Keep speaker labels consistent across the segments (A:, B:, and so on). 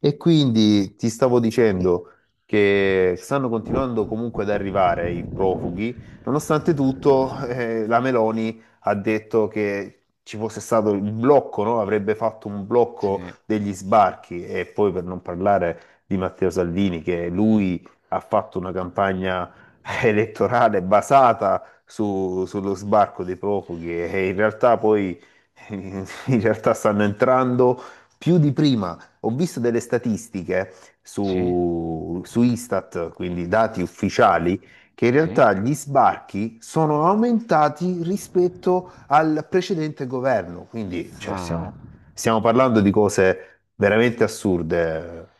A: E quindi ti stavo dicendo che stanno continuando comunque ad arrivare i profughi, nonostante tutto, la Meloni ha detto che ci fosse stato il blocco, no? Avrebbe fatto un blocco
B: Sì,
A: degli sbarchi. E poi per non parlare di Matteo Salvini, che lui ha fatto una campagna elettorale basata sullo sbarco dei profughi, e in realtà poi in realtà stanno entrando più di prima. Ho visto delle statistiche
B: sì,
A: su Istat, quindi dati ufficiali, che in
B: sì.
A: realtà gli sbarchi sono aumentati rispetto al precedente governo. Quindi, cioè,
B: Ah.
A: stiamo parlando di cose veramente assurde.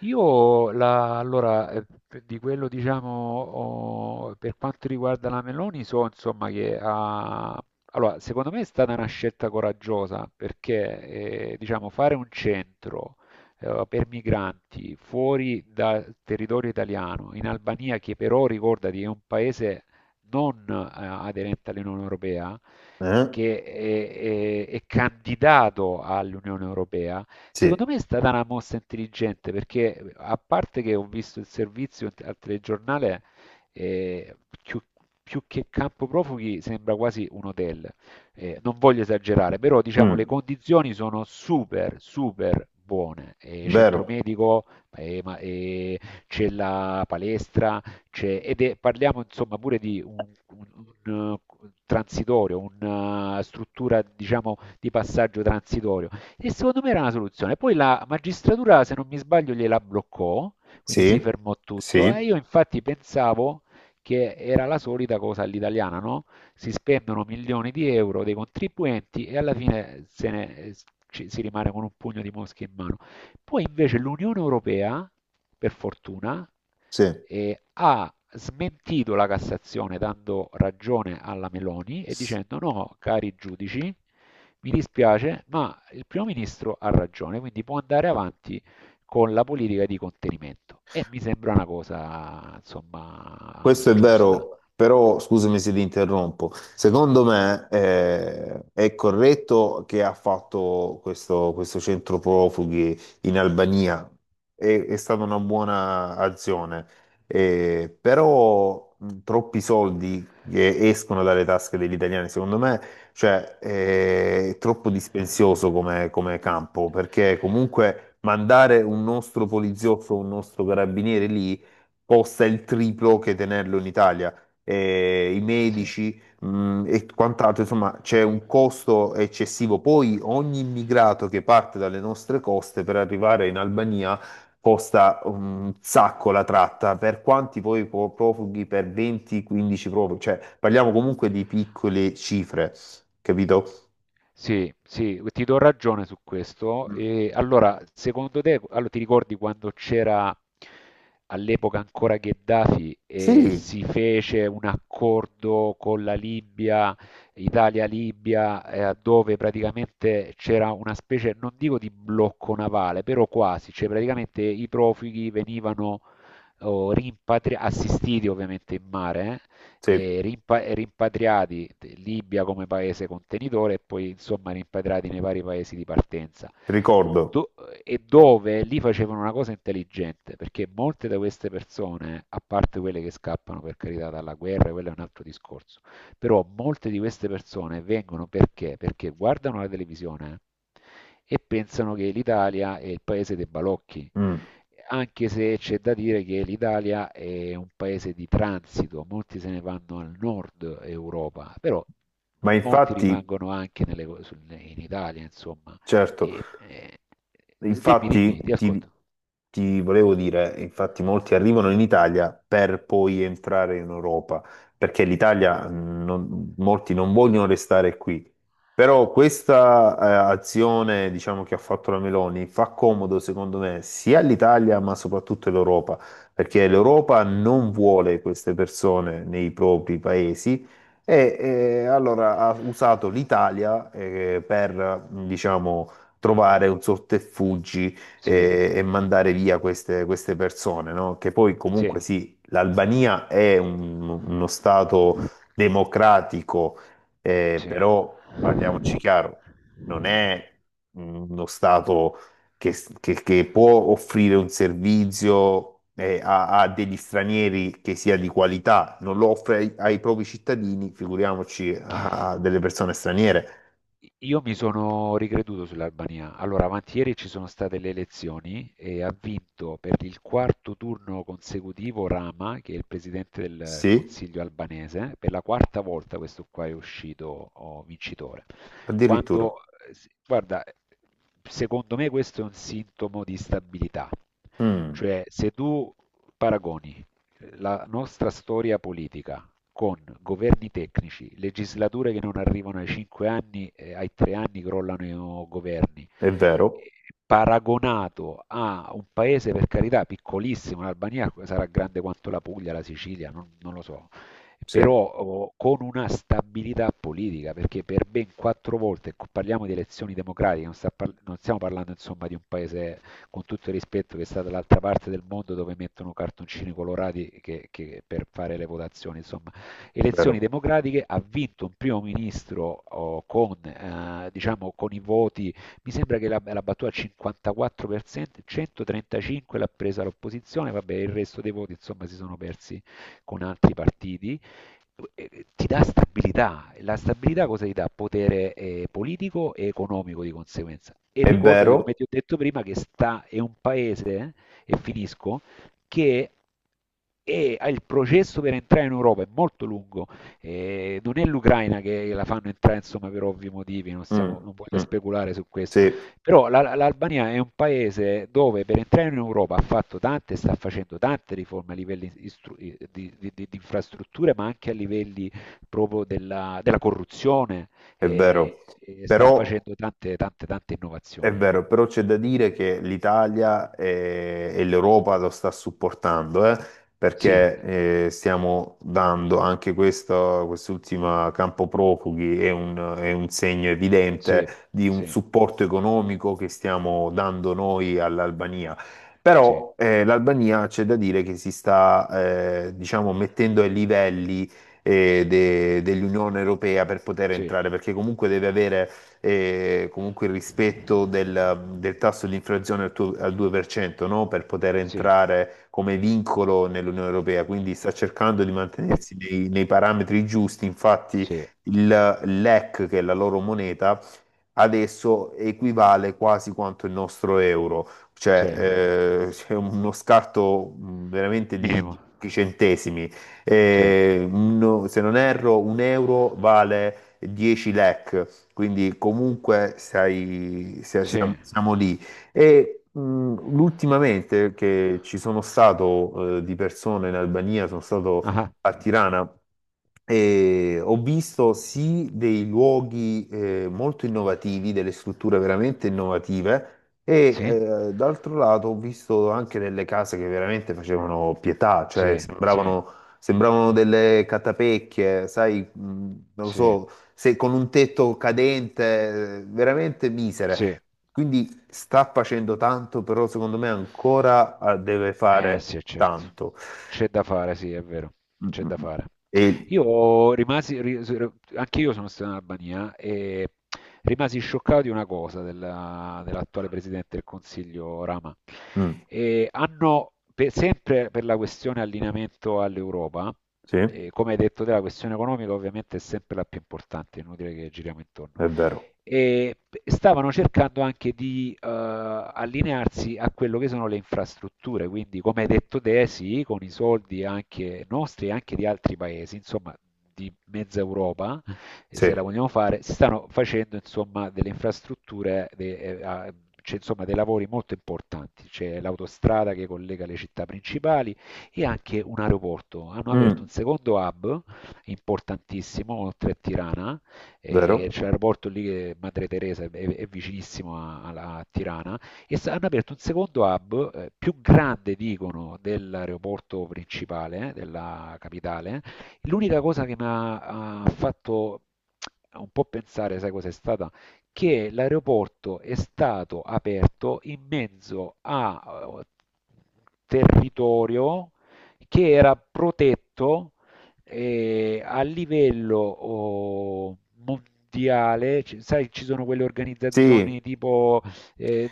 B: Io allora, di quello diciamo, per quanto riguarda la Meloni, so insomma che ha, allora, secondo me è stata una scelta coraggiosa perché diciamo, fare un centro per migranti fuori dal territorio italiano, in Albania, che però ricordati è un paese non aderente all'Unione Europea,
A: Eh?
B: che è candidato all'Unione Europea. Secondo
A: Sì.
B: me è stata una mossa intelligente perché a parte che ho visto il servizio al telegiornale, eh, più, più che campo profughi sembra quasi un hotel. Non voglio esagerare, però diciamo le
A: Mm.
B: condizioni sono super, super buone. Eh,
A: Vero.
B: centro medico, eh, ma- eh, c'è la palestra, parliamo insomma pure di un transitorio, una struttura diciamo di passaggio transitorio. E secondo me era una soluzione. Poi la magistratura, se non mi sbaglio, gliela bloccò, quindi si
A: Sì.
B: fermò tutto. E
A: Sì.
B: io infatti pensavo che era la solita cosa all'italiana, no? Si spendono milioni di euro dei contribuenti e alla fine se ne- ci- si rimane con un pugno di mosche in mano. Poi invece l'Unione Europea, per fortuna, ha smentito la Cassazione dando ragione alla Meloni e
A: Sì.
B: dicendo no, cari giudici, mi dispiace, ma il primo ministro ha ragione, quindi può andare avanti con la politica di contenimento. E mi sembra una cosa, insomma,
A: Questo è
B: giusta.
A: vero, però scusami se ti interrompo. Secondo me è corretto che ha fatto questo, questo centro profughi in Albania. È stata una buona azione. Però troppi soldi che escono dalle tasche degli italiani, secondo me, cioè, è troppo dispensioso come, come campo, perché comunque mandare un nostro poliziotto, un nostro carabiniere lì costa il triplo che tenerlo in Italia. I
B: Sì,
A: medici, e quant'altro, insomma, c'è un costo eccessivo. Poi ogni immigrato che parte dalle nostre coste per arrivare in Albania costa un sacco la tratta. Per quanti poi profughi? Per 20-15 profughi, cioè parliamo comunque di piccole cifre, capito?
B: Sì, ti do ragione su questo.
A: Mm.
B: E allora, secondo te, allora, ti ricordi quando c'era all'epoca ancora Gheddafi e
A: Sì,
B: si fece un accordo con la Libia, Italia-Libia, dove praticamente c'era una specie, non dico di blocco navale, però quasi, cioè praticamente i profughi venivano o assistiti ovviamente in mare
A: sì,
B: e rimpatriati, Libia come paese contenitore e poi insomma rimpatriati nei vari paesi di partenza.
A: ricordo.
B: Do- e dove lì facevano una cosa intelligente, perché molte di queste persone, a parte quelle che scappano per carità dalla guerra, quello è un altro discorso, però molte di queste persone vengono perché? Perché guardano la televisione e pensano che l'Italia è il paese dei balocchi,
A: Mm.
B: anche se c'è da dire che l'Italia è un paese di transito, molti se ne vanno al nord Europa, però
A: Ma
B: molti
A: infatti,
B: rimangono anche in Italia, insomma.
A: certo.
B: E- e- Dimmi, dimmi,
A: Infatti,
B: ti ascolto.
A: ti volevo dire, infatti molti arrivano in Italia per poi entrare in Europa, perché l'Italia, molti non vogliono restare qui. Però questa, azione, diciamo, che ha fatto la Meloni fa comodo, secondo me, sia all'Italia, ma soprattutto all'Europa, perché l'Europa non vuole queste persone nei propri paesi. E, allora ha usato l'Italia, per, diciamo, trovare un sortefuggi
B: Sì,
A: e mandare via queste, queste persone, no? Che poi
B: sì,
A: comunque sì, l'Albania è uno stato democratico,
B: sì.
A: però parliamoci chiaro, non è uno stato che, che può offrire un servizio a degli stranieri, che sia di qualità. Non lo offre ai, ai propri cittadini, figuriamoci a delle persone straniere.
B: Io mi sono ricreduto sull'Albania. Allora, avanti ieri ci sono state le elezioni e ha vinto per il quarto turno consecutivo Rama, che è il presidente del
A: Sì,
B: Consiglio albanese. Per la quarta volta questo qua è uscito, oh, vincitore.
A: addirittura.
B: Quando, guarda, secondo me questo è un sintomo di stabilità.
A: Mm.
B: Cioè, se tu paragoni la nostra storia politica con governi tecnici, legislature che non arrivano ai 5 anni, ai 3 anni crollano i, governi,
A: È vero,
B: paragonato a un paese per carità piccolissimo, l'Albania sarà grande quanto la Puglia, la Sicilia, non lo so,
A: sì,
B: però, con una stabilità politica, perché per ben 4 volte ecco, parliamo di elezioni democratiche, non stiamo parlando insomma di un paese, con tutto il rispetto, che sta dall'altra parte del mondo dove mettono cartoncini colorati che per fare le votazioni, insomma elezioni
A: vero.
B: democratiche, ha vinto un primo ministro, diciamo, con i voti, mi sembra che l'ha battuta al 54%, 135 l'ha presa l'opposizione, vabbè il resto dei voti insomma si sono persi con altri partiti. Ti dà stabilità. La stabilità cosa ti dà? Potere, politico e economico di conseguenza. E
A: È
B: ricordati, come
A: vero,
B: ti ho detto prima, che è un paese, e finisco, che e il processo per entrare in Europa è molto lungo, non è l'Ucraina che la fanno entrare insomma, per ovvi motivi,
A: mm,
B: non voglio
A: mm,
B: speculare su questo,
A: sì,
B: però l'Albania è un paese dove per entrare in Europa ha fatto tante, sta facendo tante riforme a livelli di infrastrutture, ma anche a livelli proprio della corruzione,
A: è vero.
B: e sta
A: Però
B: facendo tante, tante, tante
A: è
B: innovazioni.
A: vero, però c'è da dire che l'Italia e, l'Europa lo sta supportando,
B: Sì,
A: perché stiamo dando anche questo, quest'ultima campo profughi è è un segno
B: sì,
A: evidente di un
B: sì,
A: supporto economico che stiamo dando noi all'Albania.
B: sì,
A: Però l'Albania c'è da dire che si sta, diciamo, mettendo ai livelli dell'Unione Europea per poter
B: sì,
A: entrare, perché comunque deve avere comunque il rispetto del, del tasso di inflazione al, al 2%, no? Per poter
B: sì.
A: entrare come vincolo nell'Unione Europea. Quindi sta cercando di mantenersi nei, nei parametri giusti. Infatti
B: Sì,
A: il l'EC, che è la loro moneta, adesso equivale quasi quanto il nostro euro,
B: sì.
A: cioè c'è uno scarto veramente di
B: Minimo.
A: pochi centesimi.
B: Sì,
A: Se non erro, un euro vale 10 lek, quindi comunque
B: sì.
A: siamo, siamo lì. E ultimamente che ci sono stato di persone in Albania, sono stato
B: Ah-ah.
A: a Tirana. E ho visto sì dei luoghi molto innovativi, delle strutture veramente innovative, e
B: Sì,
A: d'altro lato ho visto anche delle case che veramente facevano pietà, cioè
B: sì, sì,
A: sembravano, sembravano delle catapecchie, sai, non lo
B: sì,
A: so, se con un tetto cadente, veramente misere.
B: sì.
A: Quindi sta facendo tanto, però secondo me ancora deve
B: Eh
A: fare
B: sì, certo.
A: tanto.
B: C'è da fare, sì, è vero.
A: Mm,
B: C'è
A: mm,
B: da
A: mm.
B: fare.
A: E...
B: Io rimasi, anche io sono stato in Albania e rimasi scioccato di una cosa dell'attuale Presidente del Consiglio Rama.
A: mm,
B: E hanno, sempre per la questione allineamento all'Europa,
A: sì, è
B: e come hai detto te, la questione economica ovviamente è sempre la più importante, è inutile che giriamo intorno,
A: vero.
B: e stavano cercando anche di allinearsi a quello che sono le infrastrutture, quindi, come hai detto te, sì, con i soldi anche nostri e anche di altri paesi, insomma di mezza Europa,
A: Sì.
B: se la vogliamo fare, si stanno facendo insomma delle infrastrutture, cioè, insomma, dei lavori molto importanti, c'è l'autostrada che collega le città principali e anche un aeroporto, hanno aperto un
A: Mm,
B: secondo hub importantissimo oltre a Tirana, e
A: vero?
B: c'è l'aeroporto lì che Madre Teresa è vicinissimo a Tirana, e hanno aperto un secondo hub, più grande, dicono, dell'aeroporto principale, della capitale. L'unica cosa che mi ha fatto un po' pensare, sai cos'è stata? Che l'aeroporto è stato aperto in mezzo a territorio che era protetto, e a livello, mondiale, sai, ci sono quelle organizzazioni
A: Sì.
B: tipo, eh,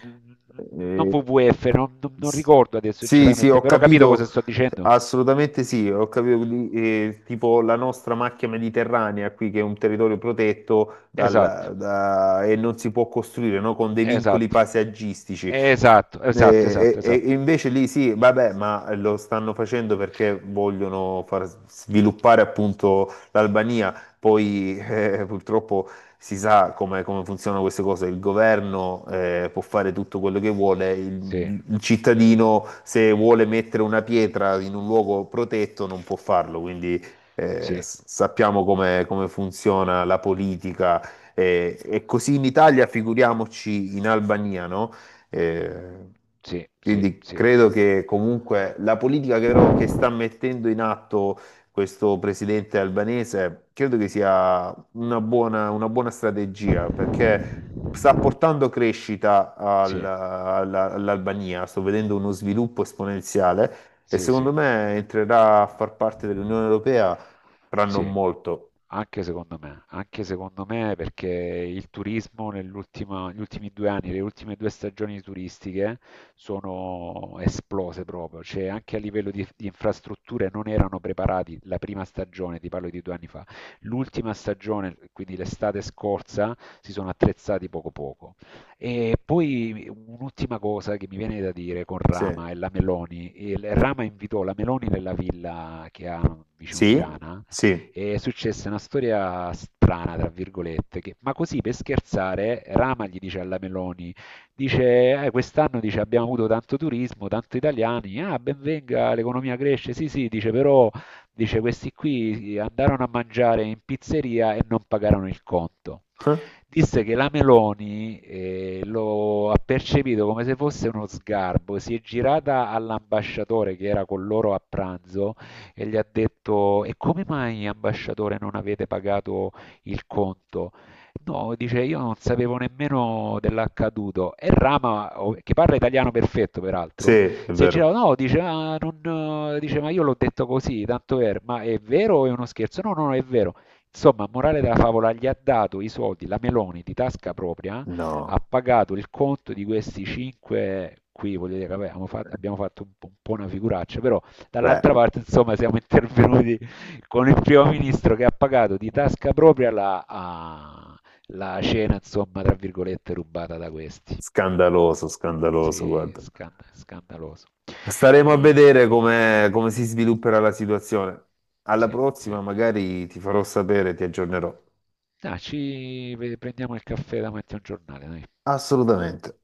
B: non
A: Eh,
B: WWF, non
A: s-
B: ricordo adesso
A: sì, sì,
B: sinceramente,
A: ho
B: però capito cosa
A: capito,
B: sto dicendo?
A: assolutamente sì, ho capito, tipo la nostra macchia mediterranea qui che è un territorio protetto
B: Esatto,
A: e non si può costruire, no? Con dei vincoli
B: esatto,
A: paesaggistici.
B: esatto, esatto, esatto,
A: E, e
B: esatto.
A: invece lì sì, vabbè, ma lo stanno facendo perché vogliono far sviluppare appunto l'Albania. Poi purtroppo si sa come, come funzionano queste cose, il governo può fare tutto quello che vuole,
B: Sì,
A: il cittadino se vuole mettere una pietra in un luogo protetto non può farlo, quindi
B: sì,
A: sappiamo come, come funziona la politica e così in Italia, figuriamoci in Albania, no? Eh,
B: sì, sì,
A: quindi
B: sì.
A: credo che comunque la politica che, però, che sta mettendo in atto questo presidente albanese, credo che sia una buona strategia, perché sta portando crescita
B: Sì.
A: all'Albania. Sto vedendo uno sviluppo esponenziale e
B: Sì,
A: secondo
B: sì.
A: me entrerà a far parte dell'Unione Europea tra non
B: Sì,
A: molto.
B: anche secondo me, anche secondo me, perché il turismo negli ultimi 2 anni, le ultime 2 stagioni turistiche, sono esplose proprio, cioè anche a livello di infrastrutture non erano preparati la prima stagione, ti parlo di 2 anni fa, l'ultima stagione, quindi l'estate scorsa, si sono attrezzati poco poco. E poi un'ultima cosa che mi viene da dire con
A: Sì,
B: Rama e la Meloni. Rama invitò la Meloni nella villa che ha vicino
A: sì,
B: Tirana
A: sì.
B: e successe una storia strana, tra virgolette, ma così per scherzare Rama gli dice alla Meloni, dice, quest'anno, dice, abbiamo avuto tanto turismo, tanto italiani, ah, ben venga, l'economia cresce, sì sì, dice, però, dice, questi qui andarono a mangiare in pizzeria e non pagarono il conto.
A: Eh?
B: Disse che la Meloni lo ha percepito come se fosse uno sgarbo, si è girata all'ambasciatore che era con loro a pranzo e gli ha detto: E come mai, ambasciatore, non avete pagato il conto? No, dice, io non sapevo nemmeno dell'accaduto. E Rama, che parla italiano perfetto
A: Sì,
B: peraltro,
A: è
B: si è
A: vero.
B: girato, no, dice, "Ah, non", dice, ma io l'ho detto così, tanto per, ma è vero o è uno scherzo? No, no, no, è vero. Insomma, morale della favola, gli ha dato i soldi, la Meloni di tasca propria, ha
A: No,
B: pagato il conto di questi cinque, qui voglio dire, vabbè, abbiamo fatto un po' una figuraccia, però,
A: beh,
B: dall'altra parte, insomma, siamo intervenuti con il primo ministro che ha pagato di tasca propria la cena, insomma, tra virgolette, rubata da questi.
A: scandaloso, scandaloso,
B: Sì,
A: guarda.
B: scandaloso.
A: Staremo a
B: Eh,
A: vedere come, come si svilupperà la situazione. Alla
B: sì, sì.
A: prossima magari ti farò sapere, ti aggiornerò.
B: Ah, ci prendiamo il caffè davanti a un giornale, dai.
A: Assolutamente.